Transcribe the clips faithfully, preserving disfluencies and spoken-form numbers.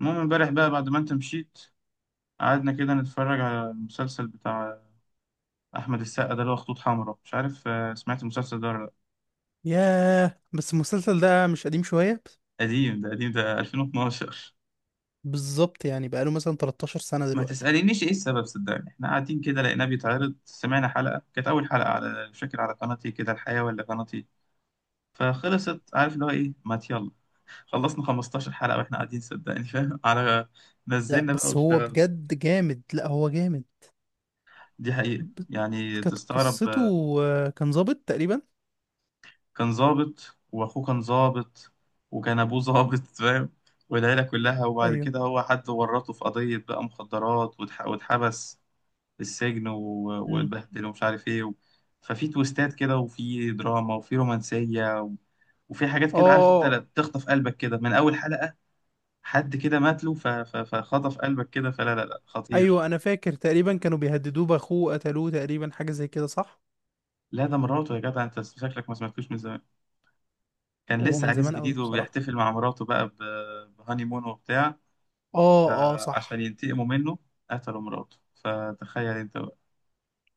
المهم امبارح بقى بعد ما انت مشيت قعدنا كده نتفرج على المسلسل بتاع احمد السقا ده اللي هو خطوط حمراء مش عارف. آه، سمعت المسلسل ده ولا لا؟ ياه، بس المسلسل ده مش قديم شوية؟ قديم ده قديم ده ألفين واثنا عشر. بالظبط، يعني بقاله مثلا تلتاشر سنة ما دلوقتي. تسألينيش ايه السبب، صدقني احنا قاعدين كده لقيناه بيتعرض، سمعنا حلقة كانت اول حلقة على مش فاكر على قناتي كده الحياة ولا قناتي. فخلصت، عارف اللي هو ايه، ما يلا خلصنا خمستاشر حلقة واحنا قاعدين، صدقني فاهم على لا نزلنا بقى بس هو واشتغلنا. بجد جامد، لا هو جامد. دي حقيقة ب- يعني كانت تستغرب. قصته آه، كان ظابط تقريبا. كان ظابط واخوه كان ظابط وكان ابوه ظابط فاهم، والعيله كلها. وبعد ايوه. كده هو حد ورطه في قضيه بقى مخدرات واتح- واتحبس في السجن و- امم. واتبهدل ومش عارف ايه و... ففي تويستات كده وفي دراما وفي رومانسيه و... وفي حاجات كده، عارف انت، لا اه. تخطف قلبك كده من اول حلقه، حد كده مات له ف... ف... فخطف قلبك كده. فلا لا لا، خطير. ايوه انا فاكر تقريبا كانوا بيهددوه باخوه، قتلوه تقريبا، حاجة زي كده صح؟ لا ده مراته، يا جدع انت شكلك ما سمعتوش من زمان. كان هو لسه من عريس زمان قوي جديد بصراحة. وبيحتفل مع مراته بقى ب... بهاني مون وبتاع. اه اه آه، عشان صح. ينتقموا منه قتلوا مراته، فتخيل انت بقى.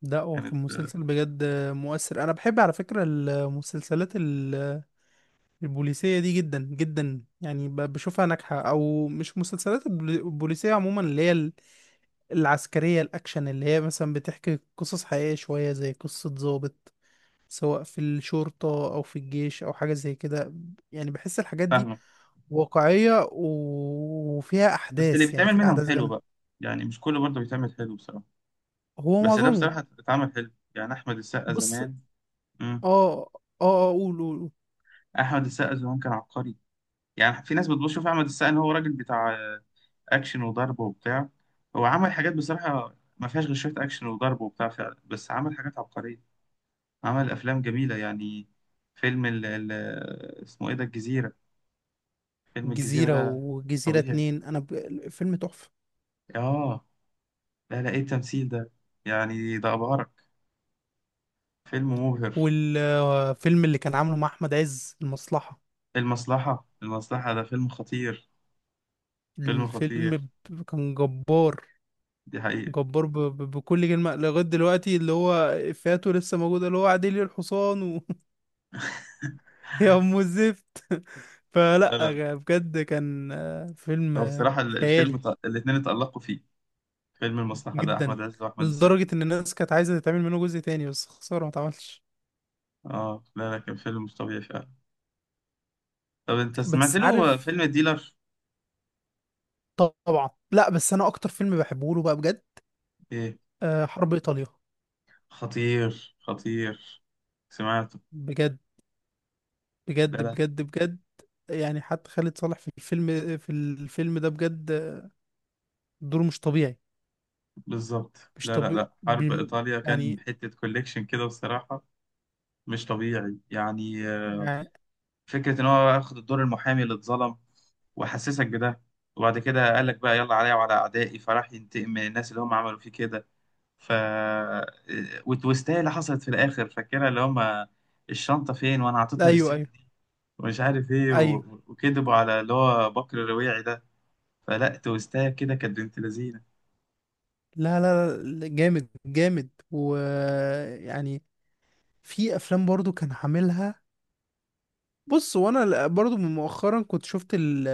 ده هو كانت كان آه، مسلسل بجد آه، مؤثر. انا بحب على فكرة المسلسلات البوليسية دي جدا جدا، يعني ب- بشوفها ناجحة. أو مش مسلسلات البولي- البوليسية عموما اللي هي ال- العسكرية الأكشن، اللي هي مثلا بتحكي قصص حقيقية شوية زي قصة ضابط، سواء في الشرطة أو في الجيش أو حاجة زي كده. يعني بحس الحاجات دي فاهمة. واقعية و- وفيها بس اللي أحداث، يعني بيتعمل في منهم أحداث حلو جامدة. بقى، يعني مش كله برضه بيتعمل حلو بصراحة. هو بس ده معظمه. بصراحة اتعمل حلو، يعني أحمد السقا بص آه. زمان. مم. آه. آه، قول قول قول. أحمد السقا زمان كان عبقري. يعني في ناس بتشوف أحمد السقا إن هو راجل بتاع آه، أكشن وضرب وبتاع. هو عمل حاجات بصراحة ما فيهاش غير شوية أكشن وضرب وبتاع فعلا، بس عمل حاجات عبقرية، عمل أفلام جميلة يعني. فيلم ال ال اسمه إيه ده، الجزيرة. فيلم الجزيرة الجزيرة ده مش والجزيرة طبيعي. اتنين، أنا ب... الفيلم تحفة. اه لا لا، ايه التمثيل ده، يعني ده ابهرك، فيلم مبهر. والفيلم اللي كان عامله مع أحمد عز، المصلحة. المصلحة المصلحة ده فيلم خطير، فيلم الفيلم خطير، ب- كان جبار، دي حقيقة. جبار ب... ب... بكل كلمة لغاية دلوقتي، اللي هو إفيهاته لسه موجودة، اللي هو عديلي الحصان و... يا أم الزفت لا فلا لا، غ- بجد كان آه، فيلم هو آه، بصراحة ال- الفيلم خيالي ط- الاتنين اتألقوا فيه، فيلم المصلحة ده جدا، أحمد عز وأحمد لدرجة السقا. إن الناس كانت عايزة تتعمل منه جزء تاني، بس خسارة ما اتعملش. اه لا لا، كان فيلم مش طبيعي فعلا. طب أنت سمعت بس له عارف، فيلم الديلر؟ طبعا، لا بس أنا أكتر فيلم بحبه له بقى بجد إيه، آه، حرب إيطاليا. خطير خطير، سمعته. بجد، لا بجد لا، بجد بجد، يعني حتى خالد صالح في الفيلم، في الفيلم ده بجد دوره مش طبيعي. بالظبط. مش لا لا طبيعي لا، حرب إيطاليا كان يعني. حتة كوليكشن كده بصراحة، مش طبيعي يعني. آه، يعني. فكرة إن هو أخد الدور المحامي اللي اتظلم وحسسك بده، وبعد كده قال لك بقى يلا عليا وعلى أعدائي، فراح ينتقم من الناس اللي هم عملوا فيه كده. ف آه، والتويستاية اللي حصلت في الآخر فاكرها، اللي هم الشنطة فين وأنا عطيتها للست ايوه ايوه دي ومش عارف إيه و... ايوه. وكذبوا على اللي هو بكر الرواعي ده. فلا، تويستاية كده كانت بنت لذينة. لا لا لا، جامد جامد، ويعني في افلام برضو كان عاملها. بص، وانا ل- برضو من مؤخرا كنت شفت ال-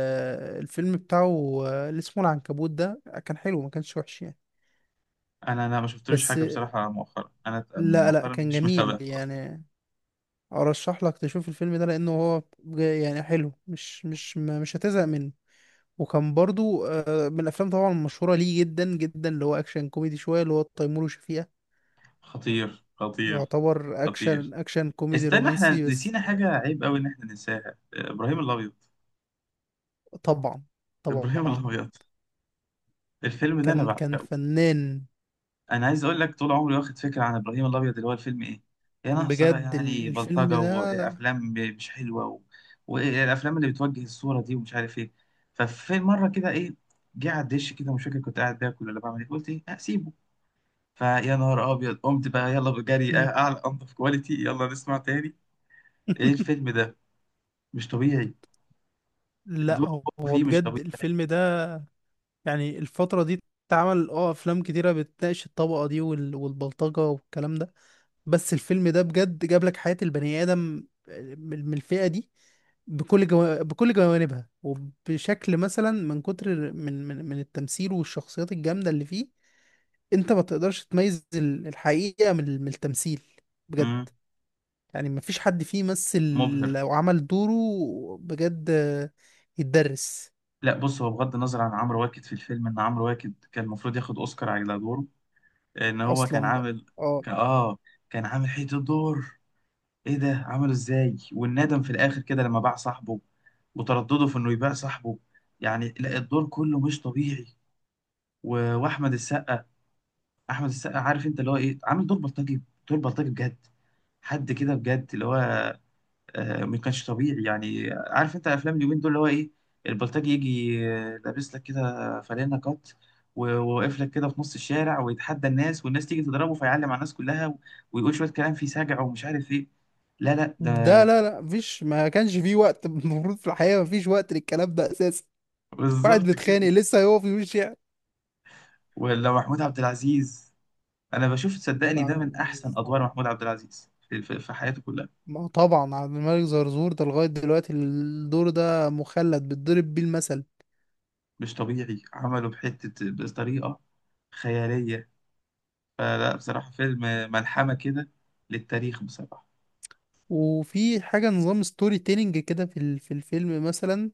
الفيلم بتاعه اللي اسمه العنكبوت ده، كان حلو، ما كانش وحش يعني. أنا أنا ما شفتلوش بس حاجة بصراحة مؤخرا، أنا لا لا، مؤخرا كان مش متابع جميل خالص. يعني. ارشح لك تشوف الفيلم ده، لانه هو بج- يعني حلو، مش مش ما- مش هتزهق منه. وكان برضو آه، من الافلام طبعا المشهوره ليه جدا جدا، اللي هو اكشن كوميدي شويه، اللي هو تيمور وشفيقة. خطير خطير يعتبر خطير. اكشن، اكشن كوميدي استنى احنا رومانسي بس. نسينا حاجة عيب قوي ان احنا ننساها، ابراهيم الابيض. طبعا، ابراهيم طبعا. الابيض الفيلم ده انا كان كان بعشقه. فنان. انا عايز اقول لك، طول عمري واخد فكرة عن ابراهيم الابيض اللي هو الفيلم ايه، يا ناقصة بقى بجد ال- يعني الفيلم بلطجة ده. وافلام مش حلوة و... والافلام اللي بتوجه الصورة دي ومش عارف ايه. ففي مرة كده ايه، جه على الدش كده، مش فاكر كنت قاعد باكل ولا بعمل ايه، قلت ايه اسيبه. فيا نهار ابيض، قمت بقى يلا بجري مم. أه، اعلى انضف كواليتي، يلا نسمع تاني. ايه الفيلم ده، مش طبيعي. لا دوره هو، هو فيه مش بجد الفيلم ده، يعني الفتره دي اتعمل اه افلام كتيره بتناقش الطبقه دي وال- والبلطجه والكلام ده، بس الفيلم ده بجد جاب لك حياة البني آدم آه، من من الفئة دي بكل جو... بكل جوانبها وبشكل مثلا من كتر من من, من التمثيل والشخصيات الجامدة اللي فيه. انت ما تقدرش تميز ال- الحقيقة من, ال- من التمثيل. طبيعي، بجد يعني ما فيش حد فيه مثل، مبهر. لو عمل دوره بجد آه، يتدرس. لا بص، هو بغض النظر عن عمرو واكد في الفيلم، ان عمرو واكد كان المفروض ياخد اوسكار على دوره، ان هو كان اصلا بقى، عامل، اه. كان اه كان عامل حته دور، ايه ده عمله ازاي، والندم في الاخر كده لما باع صاحبه وتردده في انه يبيع صاحبه. يعني لا، الدور كله مش طبيعي. و... واحمد السقا، احمد السقا، عارف انت اللي هو ايه، عامل دور بلطجي، دور بلطجي بجد. حد كده بجد اللي هو آه، ما كانش طبيعي. يعني عارف انت افلام اليومين دول اللي هو ايه، البلطجي يجي آه، لابس لك كده فانلة قط و- وواقف لك كده في نص الشارع ويتحدى الناس، والناس تيجي تضربه فيعلم على الناس كلها و- ويقول شوية كلام فيه سجع ومش عارف ايه. لا لا، ده ده لا لا، مفيش ما كانش فيه وقت المفروض في الحياة ما فيش وقت للكلام ده اساسا. واحد بالظبط متخانق كده. لسه هيقف يمشي. ولا محمود عبد العزيز، انا بشوف محمود صدقني عبد ده من احسن العزيز ادوار طبعا، محمود عبد العزيز في في- في حياته كلها. ما هو طبعا عبد الملك زرزور ده لغاية دلوقتي الدور ده مخلد بيتضرب بيه المثل. مش طبيعي، عمله بحتة بطريقة خيالية. فلا بصراحة فيلم ملحمة كده، للتاريخ بصراحة. وفي حاجة نظام ستوري تيلينج كده في ال- في الفيلم مثلا،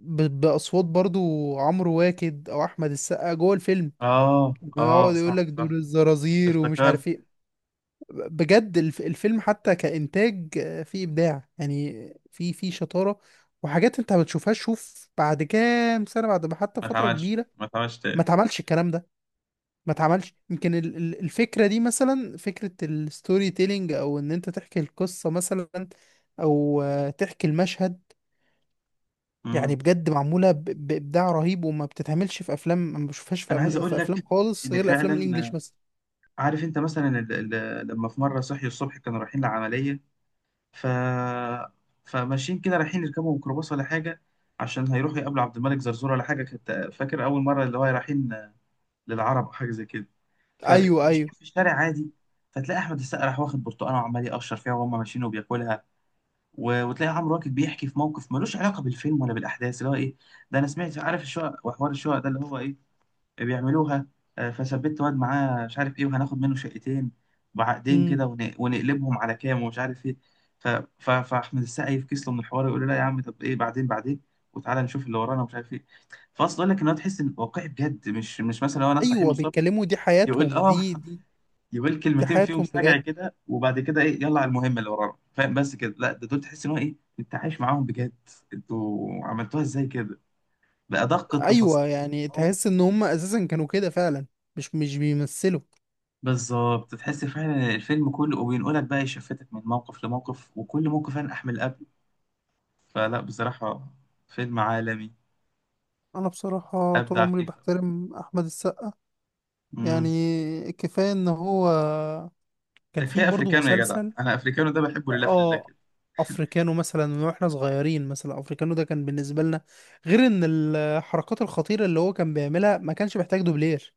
ب- بأصوات برضو، عمرو واكد أو أحمد السقا جوه الفيلم اه اه يقعد يقول صح لك دور صح، الزرازير ومش افتكرت. عارف ايه. بجد الف- الفيلم حتى كإنتاج فيه إبداع يعني، في في شطارة وحاجات انت ما بتشوفهاش. شوف بعد كام سنة، بعد ما حتى ما فترة اتعملش، كبيرة، ما اتعملش ما تاني. اتعملش الكلام ده. ما اتعملش، يمكن ال- ال- الفكرة دي مثلا، فكرة الستوري تيلينج، او ان انت تحكي القصة مثلا، او آه، تحكي المشهد. مم. يعني بجد معمولة ب- بإبداع رهيب، وما بتتعملش في افلام، ما بشوفهاش في انا عايز أم- اقول في افلام لك خالص ان غير افلام فعلا الانجليش آه، بس. عارف انت مثلا ال- ال- لما في مره صحي الصبح كانوا رايحين لعمليه، ف فماشيين كده رايحين يركبوا ميكروباص ولا حاجه، عشان هيروحوا يقابلوا عبد الملك زرزور ولا حاجه، كنت فاكر اول مره اللي هو رايحين آه، للعرب او حاجه زي كده. ايوه ايوه. فماشيين في الشارع عادي، فتلاقي احمد السقا راح واخد برتقانه وعمال يقشر فيها وهم ماشيين وبياكلها، و- وتلاقي عمرو واكد بيحكي في موقف ملوش علاقه بالفيلم ولا بالاحداث، اللي هو ايه، ده انا سمعت عارف الشقق وحوار الشقق ده اللي هو ايه بيعملوها. آه، فثبت واد معاه مش عارف ايه، وهناخد منه شقتين بعقدين امم. كده ون- ونقلبهم على كام ومش عارف ايه. ف... ف... فاحمد السقا يفكس له من الحوار، يقول له لا يا عم، طب ايه بعدين بعدين، وتعالى نشوف اللي ورانا ومش عارف ايه. فاصل اقول لك ان هو تحس ان واقعي بجد، مش مش مثلا هو ناس صاحي من ايوه الصبح بيتكلموا، دي يقول حياتهم، اه، دي دي يقول دي كلمتين فيهم حياتهم سجع بجد. كده، وبعد كده ايه يلا على المهم اللي ورانا فاهم بس كده. لا، ده دول تحس ان هو ايه، انت عايش معاهم بجد، انتوا عملتوها ازاي كده، بأدق التفاصيل. ايوه يعني اه تحس ان هم اساسا كانوا كده فعلا، مش مش بيمثلوا. بالظبط، تحس فعلا الفيلم كله، وبينقلك بقى يشفتك من موقف لموقف، وكل موقف انا احمل قبل. فلا بصراحة فيلم عالمي، انا بصراحة طول ابدع عمري فيه بصراحة. بحترم احمد السقا. امم يعني كفاية ان هو كان ده في كفاية برضه افريكانو يا جدع، مسلسل. انا افريكانو ده بحبه لله في الله اه، كده. افريكانو مثلا، من واحنا صغيرين مثلا افريكانو ده كان بالنسبه لنا، غير ان الحركات الخطيره اللي هو كان بيعملها ما كانش محتاج دوبلير،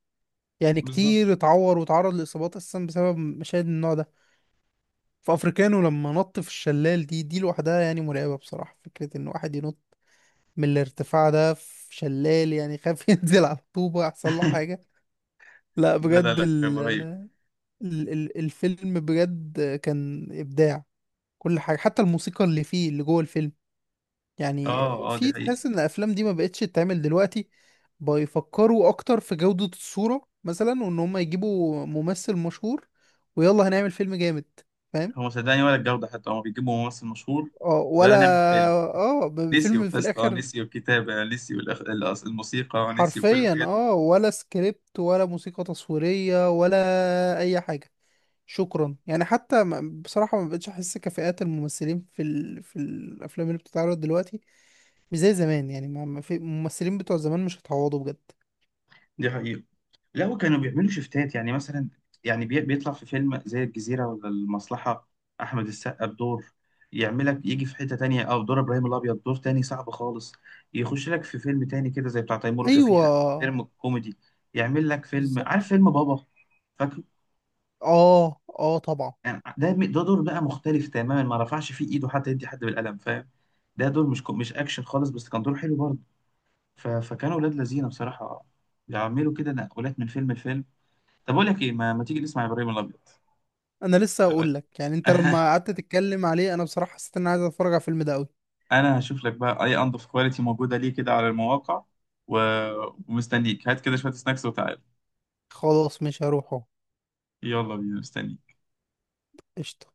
يعني بالظبط. كتير اتعور وتعرض لاصابات اساسا بسبب مشاهد من النوع ده. فافريكانو لما نط في الشلال، دي دي لوحدها يعني مرعبه بصراحه، فكره ان واحد ينط من الارتفاع ده في شلال، يعني خاف ينزل على الطوبه يحصل له حاجه. لا لا لا بجد لا، كان رهيب. ال ال- ال- الفيلم بجد كان ابداع، كل حاجة حتى الموسيقى اللي فيه، اللي جوه الفيلم. يعني اه اه، دي في حقيقة. تحس ان الافلام دي ما بقتش تتعمل دلوقتي، بيفكروا اكتر في جودة الصورة مثلا، وان هم يجيبوا ممثل مشهور ويلا هنعمل فيلم جامد. فاهم. هو صدقني ولا الجودة حتى، هما بيجيبوا ممثل مشهور، اه، ولا. ويلا نعمل فيلم، اه، ب- نسيوا فيلم في القصة، الاخر. نسيوا الكتابة، نسيوا الأخ... الأص- الموسيقى، نسيوا كل حرفيا، الحاجات دي. اه، ولا سكريبت ولا موسيقى تصويرية ولا اي حاجة. شكرا، يعني حتى ما- بصراحة ما بقتش احس كفاءات الممثلين في ال... في الافلام اللي بتتعرض دلوقتي، مش زي زمان يعني، ما ما في الممثلين بتوع زمان مش هيتعوضوا بجد. دي حقيقة. لا وكانوا بيعملوا شفتات، يعني مثلا يعني بي... بيطلع في فيلم زي الجزيرة ولا المصلحة أحمد السقا بدور، يعملك يجي في حتة تانية، أو دور إبراهيم الأبيض دور تاني صعب خالص، يخش لك في فيلم تاني كده زي بتاع تيمور ايوه. وشفيقة، فيلم كوميدي، يعمل لك فيلم، عارف بالظبط. فيلم بابا، فاكره. اه اه طبعا. يعني ده ده دور بقى مختلف تماما، ما رفعش فيه ايده حتى يدي حد بالقلم فاهم، ده دور مش كو- مش اكشن خالص، بس كان دور حلو برضه. ف- فكانوا ولاد لذينه بصراحه، بيعملوا كده نقلات من فيلم لفيلم. طب اقول لك ايه، ما, ما تيجي نسمع ابراهيم الابيض، انا لسه إيه اقول رأيك؟ لك، يعني انت لما قعدت تتكلم عليه انا بصراحه حسيت ان انا عايز اتفرج على الفيلم ده قوي. انا هشوف لك بقى اي انضف كواليتي موجوده ليه كده على المواقع و... ومستنيك، هات كده شويه سناكس وتعال، خلاص، مش هروحه. يلا بينا مستنيك. قشطه.